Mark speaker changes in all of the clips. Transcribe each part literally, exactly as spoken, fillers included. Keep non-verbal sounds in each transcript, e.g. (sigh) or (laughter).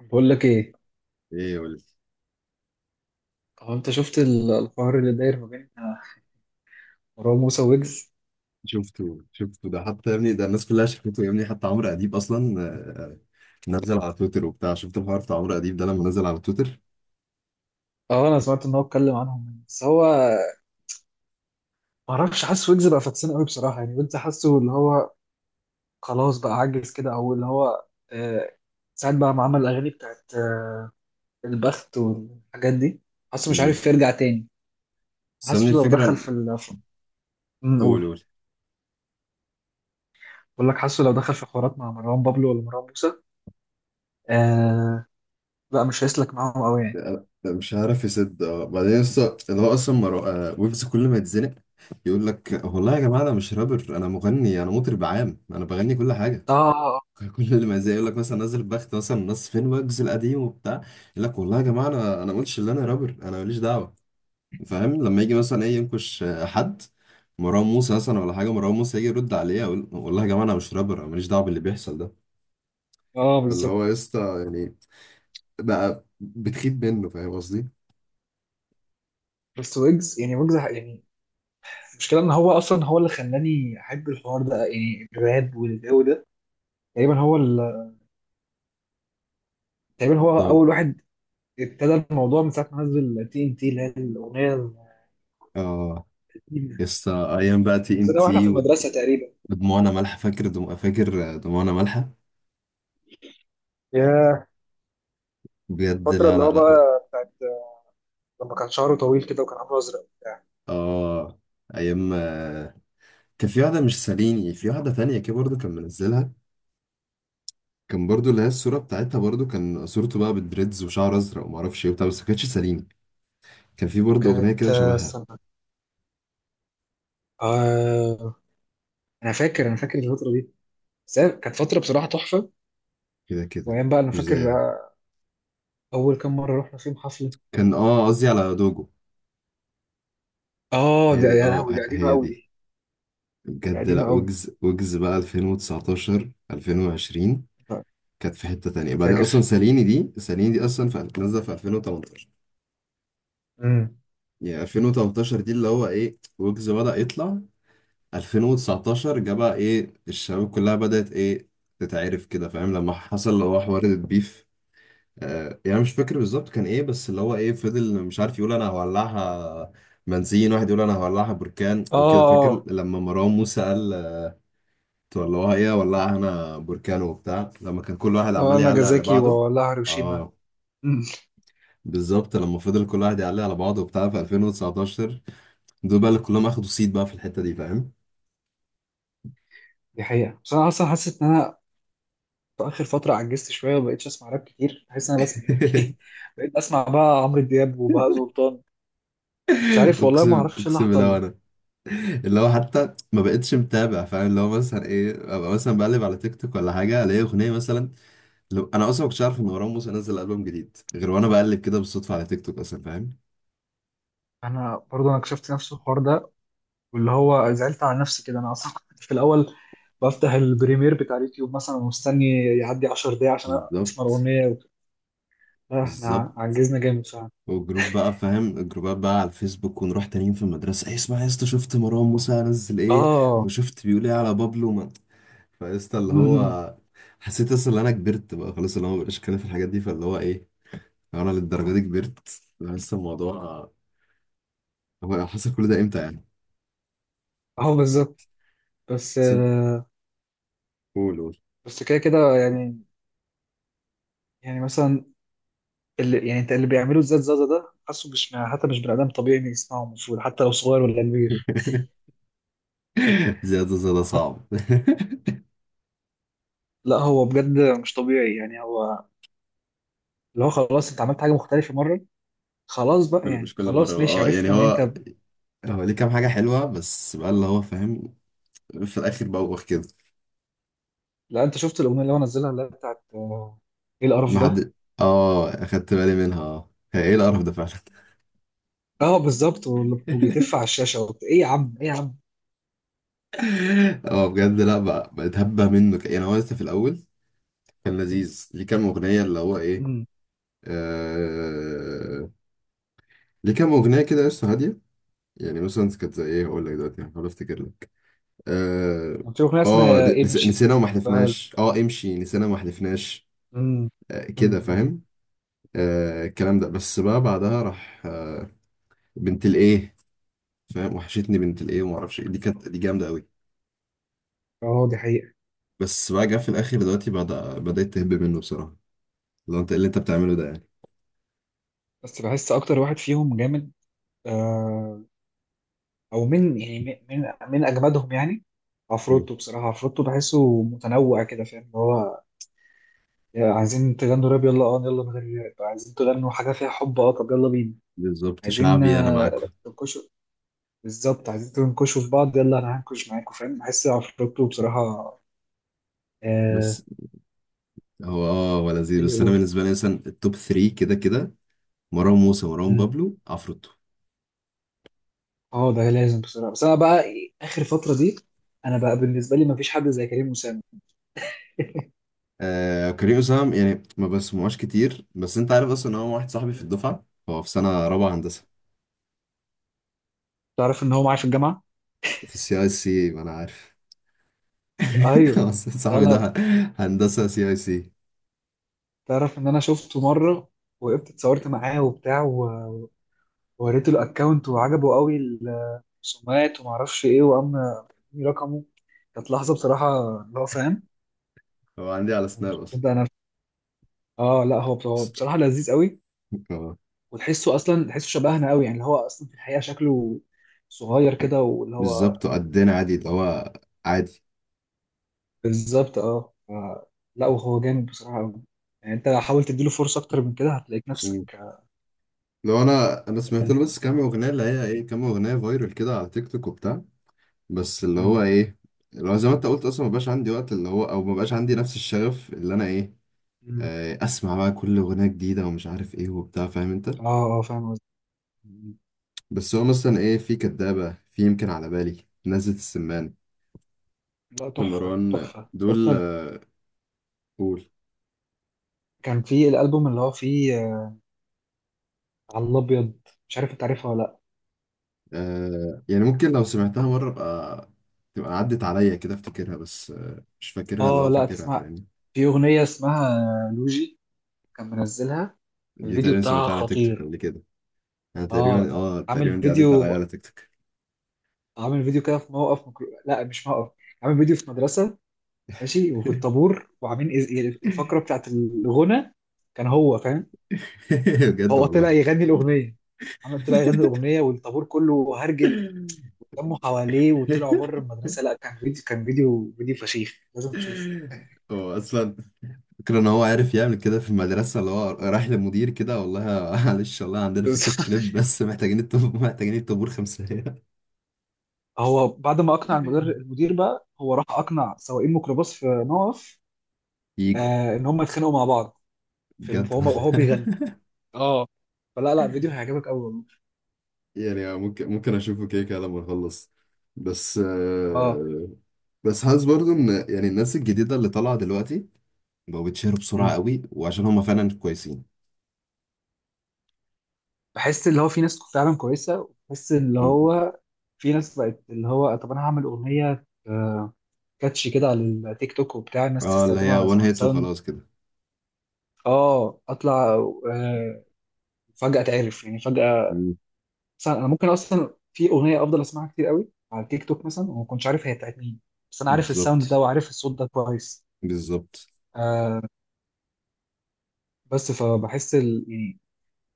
Speaker 1: بقول لك ايه؟
Speaker 2: ايه يا ولد؟
Speaker 1: هو انت شفت ال- الحوار اللي داير ما بين مروان موسى ويجز.
Speaker 2: شفته شفته ده حتى يا ابني، ده الناس كلها شافته يا ابني، حتى عمرو اديب اصلا. آه، نزل على تويتر وبتاع. شفت الحوار بتاع عمرو اديب ده لما نزل على تويتر؟
Speaker 1: اه انا سمعت ان هو اتكلم عنهم، بس هو ما اعرفش. حاسس ويجز بقى فاكسان قوي بصراحه، يعني ويجز حاسه اللي هو خلاص بقى عجز كده، او اللي هو آه ساعات بقى ما عمل الاغاني بتاعت آه البخت والحاجات دي. حاسه مش
Speaker 2: مم.
Speaker 1: عارف يرجع تاني.
Speaker 2: بس يا ابني
Speaker 1: حاسه لو دخل
Speaker 2: الفكره،
Speaker 1: في ال- في- أمم،
Speaker 2: قول
Speaker 1: قول.
Speaker 2: قول.
Speaker 1: بقول لك، حاسه لو دخل في حوارات مع مروان بابلو ولا مروان موسى آه لا، مش هيسلك معاهم قوي يعني.
Speaker 2: أنا- أنا مش عارف يسد، اه بعدين لسه اللي هو اصلا مرو... آه، ويجز كل ما يتزنق يقول لك والله يا جماعه انا مش رابر، انا مغني، انا مطرب عام، انا بغني كل حاجه.
Speaker 1: اه
Speaker 2: (laughs) كل ما زي يقول لك مثلا نزل بخت مثلا، ناس فين ويجز القديم وبتاع، يقول لك والله يا جماعه انا انا ما قلتش ان انا رابر، انا ماليش دعوه. فاهم؟ لما يجي مثلا ايه ينكش حد، مروان موسى مثلا ولا حاجه، مروان موسى يجي يرد عليه يقول والله يا جماعه انا مش رابر، انا ماليش دعوه باللي بيحصل ده.
Speaker 1: اه آه،
Speaker 2: فاللي هو
Speaker 1: بالظبط.
Speaker 2: يا اسطى يعني بقى بتخيب منه، فاهم قصدي؟
Speaker 1: بس ويجز يعني ويجز يعني المشكلة ان هو اصلا هو اللي خلاني احب الحوار ده، يعني الراب والجو ده. تقريبا هو ال... تقريبا هو
Speaker 2: طب.
Speaker 1: اول واحد ابتدى الموضوع من ساعة ما نزل تي ان تي، اللي هي الاغنية
Speaker 2: اه،
Speaker 1: القديمة.
Speaker 2: يا اسطى ايام بقى تي ام
Speaker 1: نزلها واحنا
Speaker 2: تي،
Speaker 1: في المدرسة تقريبا.
Speaker 2: ودموعنا مالحه. فاكر دم... فاكر دموعنا مالحه؟
Speaker 1: يا
Speaker 2: بجد،
Speaker 1: الفترة
Speaker 2: لا
Speaker 1: اللي هو
Speaker 2: لا لا.
Speaker 1: بقى بتاعت لما كان شعره طويل كده وكان عامله ازرق وبتاع.
Speaker 2: اه، ايام. كان في واحدة مش ساليني، في واحدة تانية كده برضه كان منزلها، كان برضه اللي هي الصورة بتاعتها برضه، كان صورته بقى بالدريدز وشعر أزرق ومعرفش إيه وبتاع، بس ما كانتش ساليني. كان في برضه أغنية
Speaker 1: كانت
Speaker 2: كده
Speaker 1: آه،
Speaker 2: شبهها.
Speaker 1: استنى. آه انا فاكر انا فاكر الفترة دي. بس هي كانت فترة بصراحة تحفة.
Speaker 2: كده كده
Speaker 1: وايام بقى، انا
Speaker 2: مش
Speaker 1: فاكر
Speaker 2: زيها.
Speaker 1: آه، اول كام مرة رحنا فيهم حفلة.
Speaker 2: كان آه قصدي على دوجو.
Speaker 1: اه
Speaker 2: هي
Speaker 1: ده
Speaker 2: دي،
Speaker 1: يا
Speaker 2: آه
Speaker 1: لهوي، دي
Speaker 2: ه-
Speaker 1: قديمة
Speaker 2: هي
Speaker 1: قوي
Speaker 2: دي.
Speaker 1: دي. دي
Speaker 2: بجد،
Speaker 1: قديمة
Speaker 2: لأ.
Speaker 1: قوي.
Speaker 2: ويجز، ويجز بقى ألفين وتسعة عشر، ألفين وعشرين كانت في حتة تانية.
Speaker 1: كان
Speaker 2: بعدين
Speaker 1: فاجر.
Speaker 2: أصلا ساليني دي، ساليني دي أصلا في- نازلة في ألفين وثمانية عشر. يعني ألفين وتمنتاشر دي اللي هو إيه، ويجز بدأ يطلع. ألفين وتسعتاشر جه بقى، ايه الشباب كلها بدأت ايه، تتعرف كده. فاهم؟ لما حصل اللي هو حوار البيف. آه يعني مش فاكر بالظبط كان ايه، بس اللي هو ايه، فضل مش عارف يقول انا هولعها بنزين، واحد يقول انا هولعها بركان
Speaker 1: اه
Speaker 2: وكده. فاكر
Speaker 1: اه
Speaker 2: لما مروان موسى قال تولعوها، ايه هولعها انا بركان وبتاع، لما كان كل واحد
Speaker 1: اه
Speaker 2: عمال يعلق على
Speaker 1: ناجازاكي
Speaker 2: بعضه.
Speaker 1: ولا هيروشيما؟
Speaker 2: اه
Speaker 1: أمم،
Speaker 2: بالظبط، لما فضل كل واحد يعلق على بعضه وبتاع في ألفين وتسعة عشر، دول بقى اللي كلهم اخدوا صيت بقى في الحتة دي، فاهم؟
Speaker 1: دي حقيقة. بس انا اصلا حاسس ان انا في اخر فترة عجزت شوية وما بقتش اسمع راب كتير. بحس ان انا بسمع يعني
Speaker 2: (laughs)
Speaker 1: (laughs) بقيت بسمع بقى عمرو دياب وبهاء سلطان. مش عارف والله، ما
Speaker 2: اقسم،
Speaker 1: اعرفش إيه اللي
Speaker 2: اقسم بالله،
Speaker 1: حصل لي.
Speaker 2: وانا اللي هو حتى ما بقتش متابع. فاهم؟ اللي هو مثلا ايه، ابقى مثلا بقلب على تيك توك ولا حاجه، الاقي اغنيه مثلا. لو انا اصلا ما كنتش عارف ان مروان موسى نزل البوم جديد، غير وانا بقلب كده بالصدفه على تيك توك اصلا، فاهم؟
Speaker 1: انا برضه، انا كشفت نفس الحوار ده. واللي هو زعلت على نفسي كده، انا اصلا (laughs) كنت في الاول بفتح البريمير بتاع اليوتيوب مثلا ومستني يعدي عشر دقايق عشان اسمع
Speaker 2: بالظبط.
Speaker 1: الاغنية وكده. لا، احنا
Speaker 2: بالظبط.
Speaker 1: عجزنا جامد فعلا.
Speaker 2: والجروب بقى فاهم، الجروبات بقى على الفيسبوك، ونروح تانيين في المدرسه، ايه اسمع يا اسطى، شفت مروان موسى نزل ايه؟
Speaker 1: اه.
Speaker 2: وشفت بيقول ايه على بابلو؟ ما- فيا اسطى، اللي
Speaker 1: أمم،
Speaker 2: هو حسيت اصلا ان انا كبرت بقى خلاص، اللي هو مبقاش اتكلم في الحاجات دي. فاللي هو ايه، لو انا للدرجه دي كبرت، لسه الموضوع، هو حصل كل ده امتى يعني؟
Speaker 1: اه، بالظبط. بس
Speaker 2: ست قول قول.
Speaker 1: بس كده كده يعني. يعني مثلا اللي يعني انت اللي بيعملوا الزاد زازا ده، حاسه مش حتى مش بني ادم طبيعي إن يسمعه، المفروض حتى لو صغير ولا كبير.
Speaker 2: (laughs) زيادة زيادة
Speaker 1: حت-
Speaker 2: صعب.
Speaker 1: لا، هو بجد مش طبيعي يعني. هو اللي هو خلاص انت عملت حاجه مختلفه مره،
Speaker 2: (laughs)
Speaker 1: خلاص بقى
Speaker 2: كل- مش
Speaker 1: يعني،
Speaker 2: كل مرة،
Speaker 1: خلاص، ماشي،
Speaker 2: اه يعني
Speaker 1: عرفنا ان انت.
Speaker 2: هو، هو ليه كام حاجة حلوة بس بقى، اللي هو فاهم، في الآخر بوخ كده.
Speaker 1: لا، انت شفت الاغنيه اللي هو نزلها، اللي هي بتاعت آه، ايه القرف
Speaker 2: ما
Speaker 1: ده؟
Speaker 2: حد، اه أخدت بالي منها. اه، هي ايه القرف ده فعلا.
Speaker 1: اه بالظبط. وال- وبيتف على الشاشه وبت... ايه يا عم، ايه يا عم.
Speaker 2: (laughs) اه بجد، لا بقى، بقيت هبه منه. ك- يعني هو لسه في الأول كان لذيذ، ليه كام أغنية اللي هو ايه.
Speaker 1: امم
Speaker 2: آه... ليه كام أغنية كده لسه هادية. يعني مثلا كانت زي ايه، هقول لك دلوقتي هحاول افتكر. اه.
Speaker 1: كان في اغنيه
Speaker 2: آه،
Speaker 1: اسمها
Speaker 2: نس-
Speaker 1: امشي.
Speaker 2: نسينا وما
Speaker 1: فهل-
Speaker 2: حلفناش. اه، امشي نسينا وما حلفناش.
Speaker 1: امم.
Speaker 2: آه
Speaker 1: امم.
Speaker 2: كده،
Speaker 1: أمم.
Speaker 2: فاهم؟ آه الكلام ده، بس بقى بعدها راح آه بنت الايه. فاهم؟ وحشتني بنت الايه وما اعرفش إيه. دي كانت، دي جامده قوي.
Speaker 1: اه، دي حقيقه.
Speaker 2: بس بقى جه في الاخر دلوقتي، بدأ بدأت تهب منه بصراحه. لو انت إيه اللي انت بتعمله ده يعني؟
Speaker 1: بس بحس اكتر واحد فيهم جامد آه، او من يعني من من اجمدهم يعني.
Speaker 2: مم.
Speaker 1: عفروتو بصراحه، عفروتو بحسه متنوع كده، فاهم اللي هو يا عايزين تغنوا راب، يلا. اه يلا من غير راب، عايزين تغنوا حاجه فيها حب، اه طب يلا بينا.
Speaker 2: بالظبط،
Speaker 1: عايزين
Speaker 2: شعبي انا
Speaker 1: آه،
Speaker 2: معاكم.
Speaker 1: تنكشوا، بالظبط، عايزين تنكشوا في بعض، يلا انا هنكش معاكم، فاهم؟ بحس عفروتو بصراحه.
Speaker 2: بس
Speaker 1: آه.
Speaker 2: هو، اه هو لذيذ،
Speaker 1: ايه
Speaker 2: بس انا
Speaker 1: يقول.
Speaker 2: بالنسبه لي مثلا التوب تلاتة كده كده: مروان موسى، مروان
Speaker 1: مم.
Speaker 2: بابلو، عفروتو.
Speaker 1: اه ده لازم بصراحه. بس انا بقى اخر فتره دي، انا بقى بالنسبه لي ما فيش حد زي كريم اسامه. (laughs)
Speaker 2: آه كريم أسام يعني ما بسمعوش كتير، بس انت عارف اصلا ان هو واحد صاحبي في الدفعة، هو في سنة رابعة هندسة
Speaker 1: تعرف ان هو معايا في الجامعه.
Speaker 2: في السي اي سي، ما انا عارف. (laughs)
Speaker 1: ايوه.
Speaker 2: اصلا
Speaker 1: لا،
Speaker 2: صاحبي ده،
Speaker 1: لا.
Speaker 2: هندسة سي اي سي.
Speaker 1: تعرف ان انا شفته مره، وقفت اتصورت معاه وبتاع و- ووريته الاكونت وعجبه قوي الرسومات وما اعرفش ايه، وقام اداني رقمه. كانت لحظه بصراحه، اللي هو فاهم.
Speaker 2: هو عندي على
Speaker 1: انا
Speaker 2: سناب
Speaker 1: مش
Speaker 2: اصلا.
Speaker 1: مصدق انا. اه لا، هو بص- هو بصراحه لذيذ قوي.
Speaker 2: آه،
Speaker 1: وتحسه اصلا، تحسه شبهنا قوي يعني، اللي هو اصلا في الحقيقه شكله صغير كده واللي هو
Speaker 2: بالظبط، قدنا عادي، اللي هو عادي.
Speaker 1: بالظبط. اه ف- لا، وهو جامد بصراحه قوي. يعني انت حاول تديله فرصه اكتر من كده، هتلاقيك
Speaker 2: مم.
Speaker 1: نفسك اه.
Speaker 2: لو انا، انا سمعت له بس كام اغنية اللي هي ايه، كام اغنية فايرال كده على تيك توك وبتاع. بس اللي هو
Speaker 1: مم.
Speaker 2: ايه، اللي هو زي ما انت قلت اصلا، ما بقاش عندي وقت اللي هو، او ما بقاش عندي نفس الشغف اللي انا ايه،
Speaker 1: مم.
Speaker 2: آه، اسمع بقى كل اغنيه جديده ومش عارف ايه وبتاع، فاهم انت
Speaker 1: اه آه، فاهم قصدي.
Speaker 2: بس هو مثلا ايه، في كدابه، في يمكن على بالي نزلة السمان،
Speaker 1: لا، تحفة
Speaker 2: لمروان
Speaker 1: تحفة
Speaker 2: دول.
Speaker 1: أصلا.
Speaker 2: آه، قول.
Speaker 1: كان في الألبوم اللي هو فيه آه، على الأبيض. مش عارف أنت عارفها ولا لأ.
Speaker 2: آه يعني ممكن لو سمعتها مره ابقى تبقى عدت عليا كده افتكرها، بس آه، مش فاكرها،
Speaker 1: آه
Speaker 2: لو
Speaker 1: لأ،
Speaker 2: فاكرها
Speaker 1: تسمع.
Speaker 2: فاهم.
Speaker 1: في أغنية اسمها آه، لوجي، كان منزلها.
Speaker 2: دي
Speaker 1: الفيديو
Speaker 2: تقريبا
Speaker 1: بتاعها
Speaker 2: سمعتها على تيك توك
Speaker 1: خطير.
Speaker 2: قبل كده. انا تقريبا،
Speaker 1: آه.
Speaker 2: اه تقريبا
Speaker 1: عامل
Speaker 2: دي عدت عليا
Speaker 1: فيديو
Speaker 2: على تيك توك.
Speaker 1: عامل فيديو كده في موقف مكرو... لأ، مش موقف. عامل فيديو في مدرسة ماشي، وفي الطابور وعاملين إز- الفقرة بتاعت الغنى، كان هو فاهم.
Speaker 2: (laughs) بجد
Speaker 1: هو طلع
Speaker 2: والله.
Speaker 1: يغني الأغنية. عمل طلع يغني الأغنية والطابور كله هرجل، لموا حواليه وطلعوا بره المدرسه. لا، كان فيديو، كان فيديو فيديو فشيخ، لازم تشوفه.
Speaker 2: (laughs) هو اصلا فكرة ان هو عارف يعمل كده في المدرسة، اللي هو رايح للمدير كده، والله. (laughs) معلش، والله
Speaker 1: (laughs)
Speaker 2: عندنا
Speaker 1: بس
Speaker 2: فكرة كليب، بس محتاجين الطابور، محتاجين الطابور خمسة.
Speaker 1: هو بعد ما اقنع المدير،
Speaker 2: (laughs)
Speaker 1: المدير بقى هو راح اقنع سواقين ميكروباص في موقف،
Speaker 2: يجوا.
Speaker 1: آه، ان هم يتخانقوا مع بعض. في الم-
Speaker 2: بجد.
Speaker 1: وهو وهو
Speaker 2: (laughs)
Speaker 1: بيغني. اه. فلا، لا، فيديو هيعجبك قوي والله.
Speaker 2: يعني ممكن، ممكن اشوفه كده كده لما اخلص. بس
Speaker 1: اه.
Speaker 2: آه، بس حاسس برضو ان يعني الناس الجديدة اللي طالعة دلوقتي بقوا بيتشهروا بسرعة
Speaker 1: مم.
Speaker 2: قوي، وعشان هما فعلا كويسين.
Speaker 1: بحس اللي هو في ناس فعلا كويسه، وبحس اللي
Speaker 2: مم.
Speaker 1: هو في ناس بقت اللي هو طب انا هعمل اغنيه آه كاتشي كده على التيك توك وبتاع، الناس
Speaker 2: اه اللي
Speaker 1: تستخدمها
Speaker 2: هي
Speaker 1: على
Speaker 2: وان
Speaker 1: ساوند
Speaker 2: هيت
Speaker 1: ساوند.
Speaker 2: وخلاص كده.
Speaker 1: اه، اطلع آه، فجأة اتعرف يعني فجأة.
Speaker 2: مم.
Speaker 1: مثلا انا ممكن اصلا في اغنية افضل اسمعها كتير قوي على التيك توك مثلا وما كنتش عارف هي بتاعت مين، بس انا عارف الساوند ده
Speaker 2: بالظبط.
Speaker 1: وعارف الصوت ده كويس.
Speaker 2: بالظبط.
Speaker 1: آه بس فبحس ال... يعني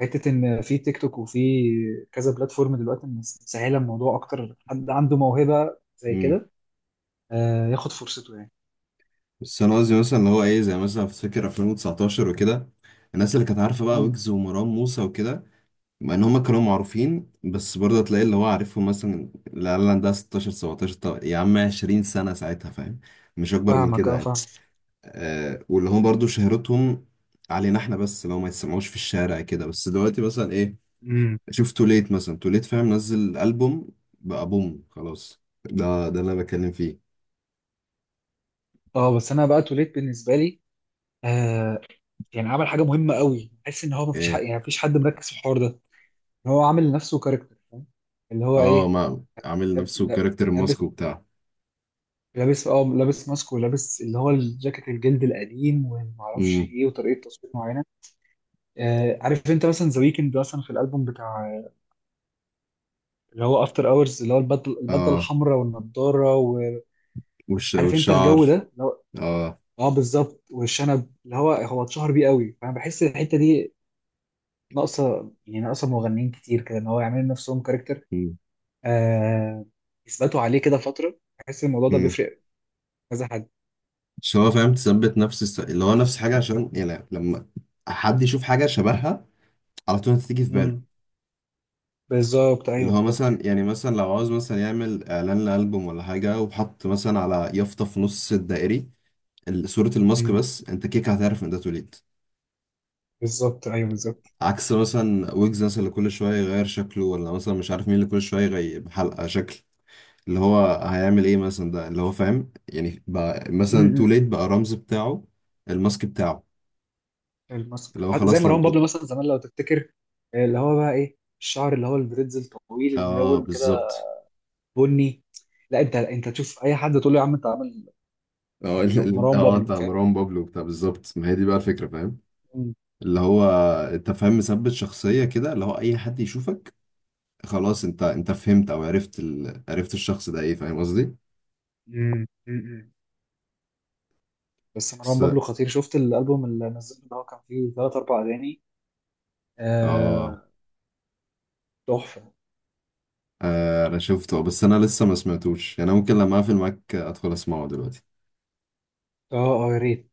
Speaker 1: حتة ان في تيك توك وفي كذا بلاتفورم دلوقتي مسهلة الموضوع، اكتر حد عنده موهبة زي كده آه ياخد فرصته يعني.
Speaker 2: بس انا قصدي مثلا، اللي هو ايه، زي مثلا في فكر ألفين وتسعتاشر وكده، الناس اللي كانت عارفه بقى
Speaker 1: مم.
Speaker 2: ويجز ومروان موسى وكده، مع ان هما كانوا معروفين، بس برضه تلاقي اللي هو عارفهم مثلا، العيال عندها ستاشر، سبعتاشر، طب يا عم عشرين سنه ساعتها، فاهم؟ مش اكبر من
Speaker 1: فاهمك،
Speaker 2: كده
Speaker 1: اه
Speaker 2: يعني.
Speaker 1: فاهم.
Speaker 2: آه، واللي هم برضه شهرتهم علينا احنا بس، لو ما يتسمعوش في الشارع كده. بس دلوقتي مثلا ايه،
Speaker 1: مم.
Speaker 2: شوف توليت مثلا، توليت فاهم نزل البوم بقى، بوم خلاص، ده ده اللي انا بتكلم فيه.
Speaker 1: اه، بس انا بقى توليت بالنسبة لي آه يعني عمل حاجة مهمة قوي، بحس ان هو مفيش حد،
Speaker 2: ايه.
Speaker 1: يعني مفيش حد مركز في الحوار ده. هو عامل لنفسه كاركتر، فاهم اللي هو
Speaker 2: اه،
Speaker 1: ايه.
Speaker 2: ما عامل
Speaker 1: لاب-
Speaker 2: نفسه
Speaker 1: لا-
Speaker 2: كاركتر
Speaker 1: لابس،
Speaker 2: ماسك وبتاع.
Speaker 1: لابس اه لابس ماسك ولابس اللي هو الجاكيت الجلد القديم ومعرفش
Speaker 2: امم.
Speaker 1: ايه وطريقه تصوير معينه. آه عارف انت مثلا ذا ويكند مثلا، في الالبوم بتاع اللي هو افتر اورز، اللي هو البدله، البدله
Speaker 2: اه،
Speaker 1: الحمراء والنضاره، وعارف
Speaker 2: والش...
Speaker 1: انت الجو ده
Speaker 2: والشعر.
Speaker 1: اللي هو.
Speaker 2: اه.
Speaker 1: اه، بالظبط، والشنب اللي هو هو اتشهر بيه قوي. فانا بحس الحته دي ناقصه، يعني ناقصه مغنيين كتير كده، ان هو يعملوا نفسهم كاركتر
Speaker 2: امم.
Speaker 1: آه يثبتوا عليه كده فتره. بحس الموضوع ده
Speaker 2: امم.
Speaker 1: بيفرق كذا حد.
Speaker 2: مش هو فاهم تثبت نفس الس... اللي هو نفس حاجة، عشان يعني لما حد يشوف حاجة شبهها على طول هتيجي في باله.
Speaker 1: امم بالظبط،
Speaker 2: اللي
Speaker 1: ايوه،
Speaker 2: هو
Speaker 1: بالظبط
Speaker 2: مثلا
Speaker 1: كده.
Speaker 2: يعني، مثلا لو عاوز مثلا يعمل إعلان لألبوم ولا حاجة، وحط مثلا على يافطة في نص الدائري ال- صورة الماسك
Speaker 1: امم
Speaker 2: بس، أنت كيك هتعرف إن ده توليد.
Speaker 1: بالظبط، ايوه، بالظبط.
Speaker 2: عكس مثلا ويجز مثلا، اللي كل شوية يغير شكله، ولا مثلا مش عارف مين اللي كل شوية يغير حلقة شكل، اللي هو هيعمل ايه مثلا، ده اللي هو فاهم يعني. بقى مثلا تو ليت
Speaker 1: امم.
Speaker 2: بقى الرمز بتاعه الماسك بتاعه.
Speaker 1: الماسك
Speaker 2: اللي هو
Speaker 1: حتى زي
Speaker 2: خلاص لم
Speaker 1: مروان بابلو مثلا زمان لو تفتكر آه، اللي هو بقى ايه الشعر اللي هو الدريدز الطويل
Speaker 2: اه
Speaker 1: الملون كده
Speaker 2: بالظبط.
Speaker 1: بني لا انت انت تشوف اي حد تقول له يا عم انت عامل ده
Speaker 2: اه. (laughs) ال- ال- انت
Speaker 1: مروان
Speaker 2: اه
Speaker 1: بابلو
Speaker 2: انت
Speaker 1: فاهم
Speaker 2: مروان بابلو بتاع، بالظبط، ما هي دي بقى الفكرة فاهم.
Speaker 1: امم
Speaker 2: اللي هو انت فاهم، مثبت شخصية كده، اللي هو اي حد يشوفك خلاص انت، انت فهمت او عرفت ال... عرفت الشخص ده ايه، فاهم قصدي؟
Speaker 1: امم امم بس مروان
Speaker 2: بس
Speaker 1: بابلو خطير، شفت الالبوم اللي نزله اللي هو كان فيه ثلاث اربع اغاني؟
Speaker 2: اه.
Speaker 1: آه، تحفه.
Speaker 2: آه، انا شفته، بس انا لسه ما سمعتوش يعني. أنا ممكن لما اقفل معاك ادخل اسمعه دلوقتي.
Speaker 1: اه اه، يا ريت.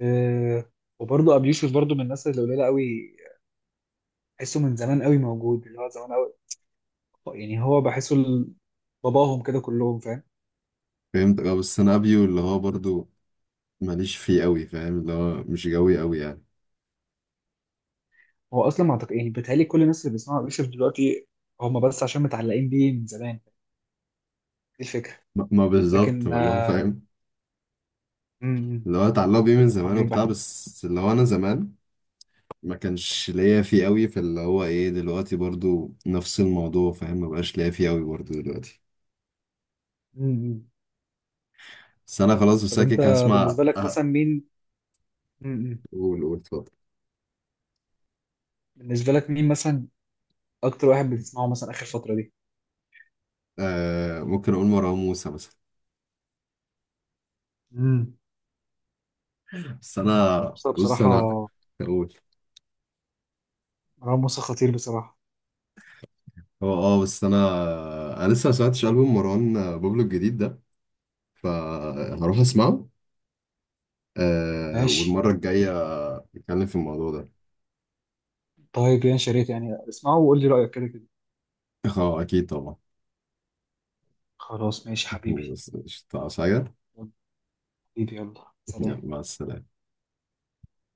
Speaker 1: آه، وبرضه ابي يوسف برضه من الناس اللي قليله قوي. تحسه من زمان قوي موجود، اللي هو زمان قوي، يعني هو بحسه ال- باباهم كده كلهم، فاهم.
Speaker 2: فهمت. اه بس انا ابيو اللي هو برضو ماليش فيه قوي، فاهم؟ اللي هو مش جوي قوي يعني.
Speaker 1: هو اصلا ما اعتقد، يعني بيتهيألي كل الناس اللي بيسمعوا يوسف دلوقتي هم بس عشان متعلقين بيه من زمان. دي الفكره.
Speaker 2: ما ما بالظبط
Speaker 1: لكن
Speaker 2: والله، هو
Speaker 1: آه،
Speaker 2: فاهم
Speaker 1: امم،
Speaker 2: اللي هو اتعلق بيه من
Speaker 1: لكن
Speaker 2: زمان
Speaker 1: معايا بقى.
Speaker 2: وبتاع، بس اللي هو انا زمان ما كانش ليا فيه قوي، فاللي هو ايه دلوقتي برضو نفس الموضوع، فاهم؟ ما بقاش ليا فيه قوي برضو دلوقتي.
Speaker 1: امم.
Speaker 2: بس انا خلاص
Speaker 1: طب انت،
Speaker 2: بساكك، هسمع
Speaker 1: بالنسبه لك
Speaker 2: أه،
Speaker 1: مثلا مين؟ امم.
Speaker 2: قول قول اتفضل.
Speaker 1: بالنسبه لك مين مثلا اكتر واحد بتسمعه مثلا اخر فتره دي؟
Speaker 2: آه ممكن اقول مروان موسى مثلا.
Speaker 1: امم.
Speaker 2: بس انا
Speaker 1: مروان موسى
Speaker 2: بص،
Speaker 1: بصراحه.
Speaker 2: انا اقول،
Speaker 1: مروان موسى خطير بصراحه.
Speaker 2: هو اه، بس انا، انا لسه ما سمعتش البوم مروان بابلو الجديد ده، فهروح اسمعه آه،
Speaker 1: ماشي.
Speaker 2: والمرة الجاية نتكلم في الموضوع ده.
Speaker 1: طيب يا شريف، يعني اسمعه وقول لي رايك كده كده.
Speaker 2: (laughs) اه اكيد طبعا.
Speaker 1: خلاص، ماشي
Speaker 2: (laughs)
Speaker 1: حبيبي.
Speaker 2: بس مش هتعرف حاجة.
Speaker 1: حبيبي، يلا
Speaker 2: يلا
Speaker 1: سلام.
Speaker 2: مع السلامة.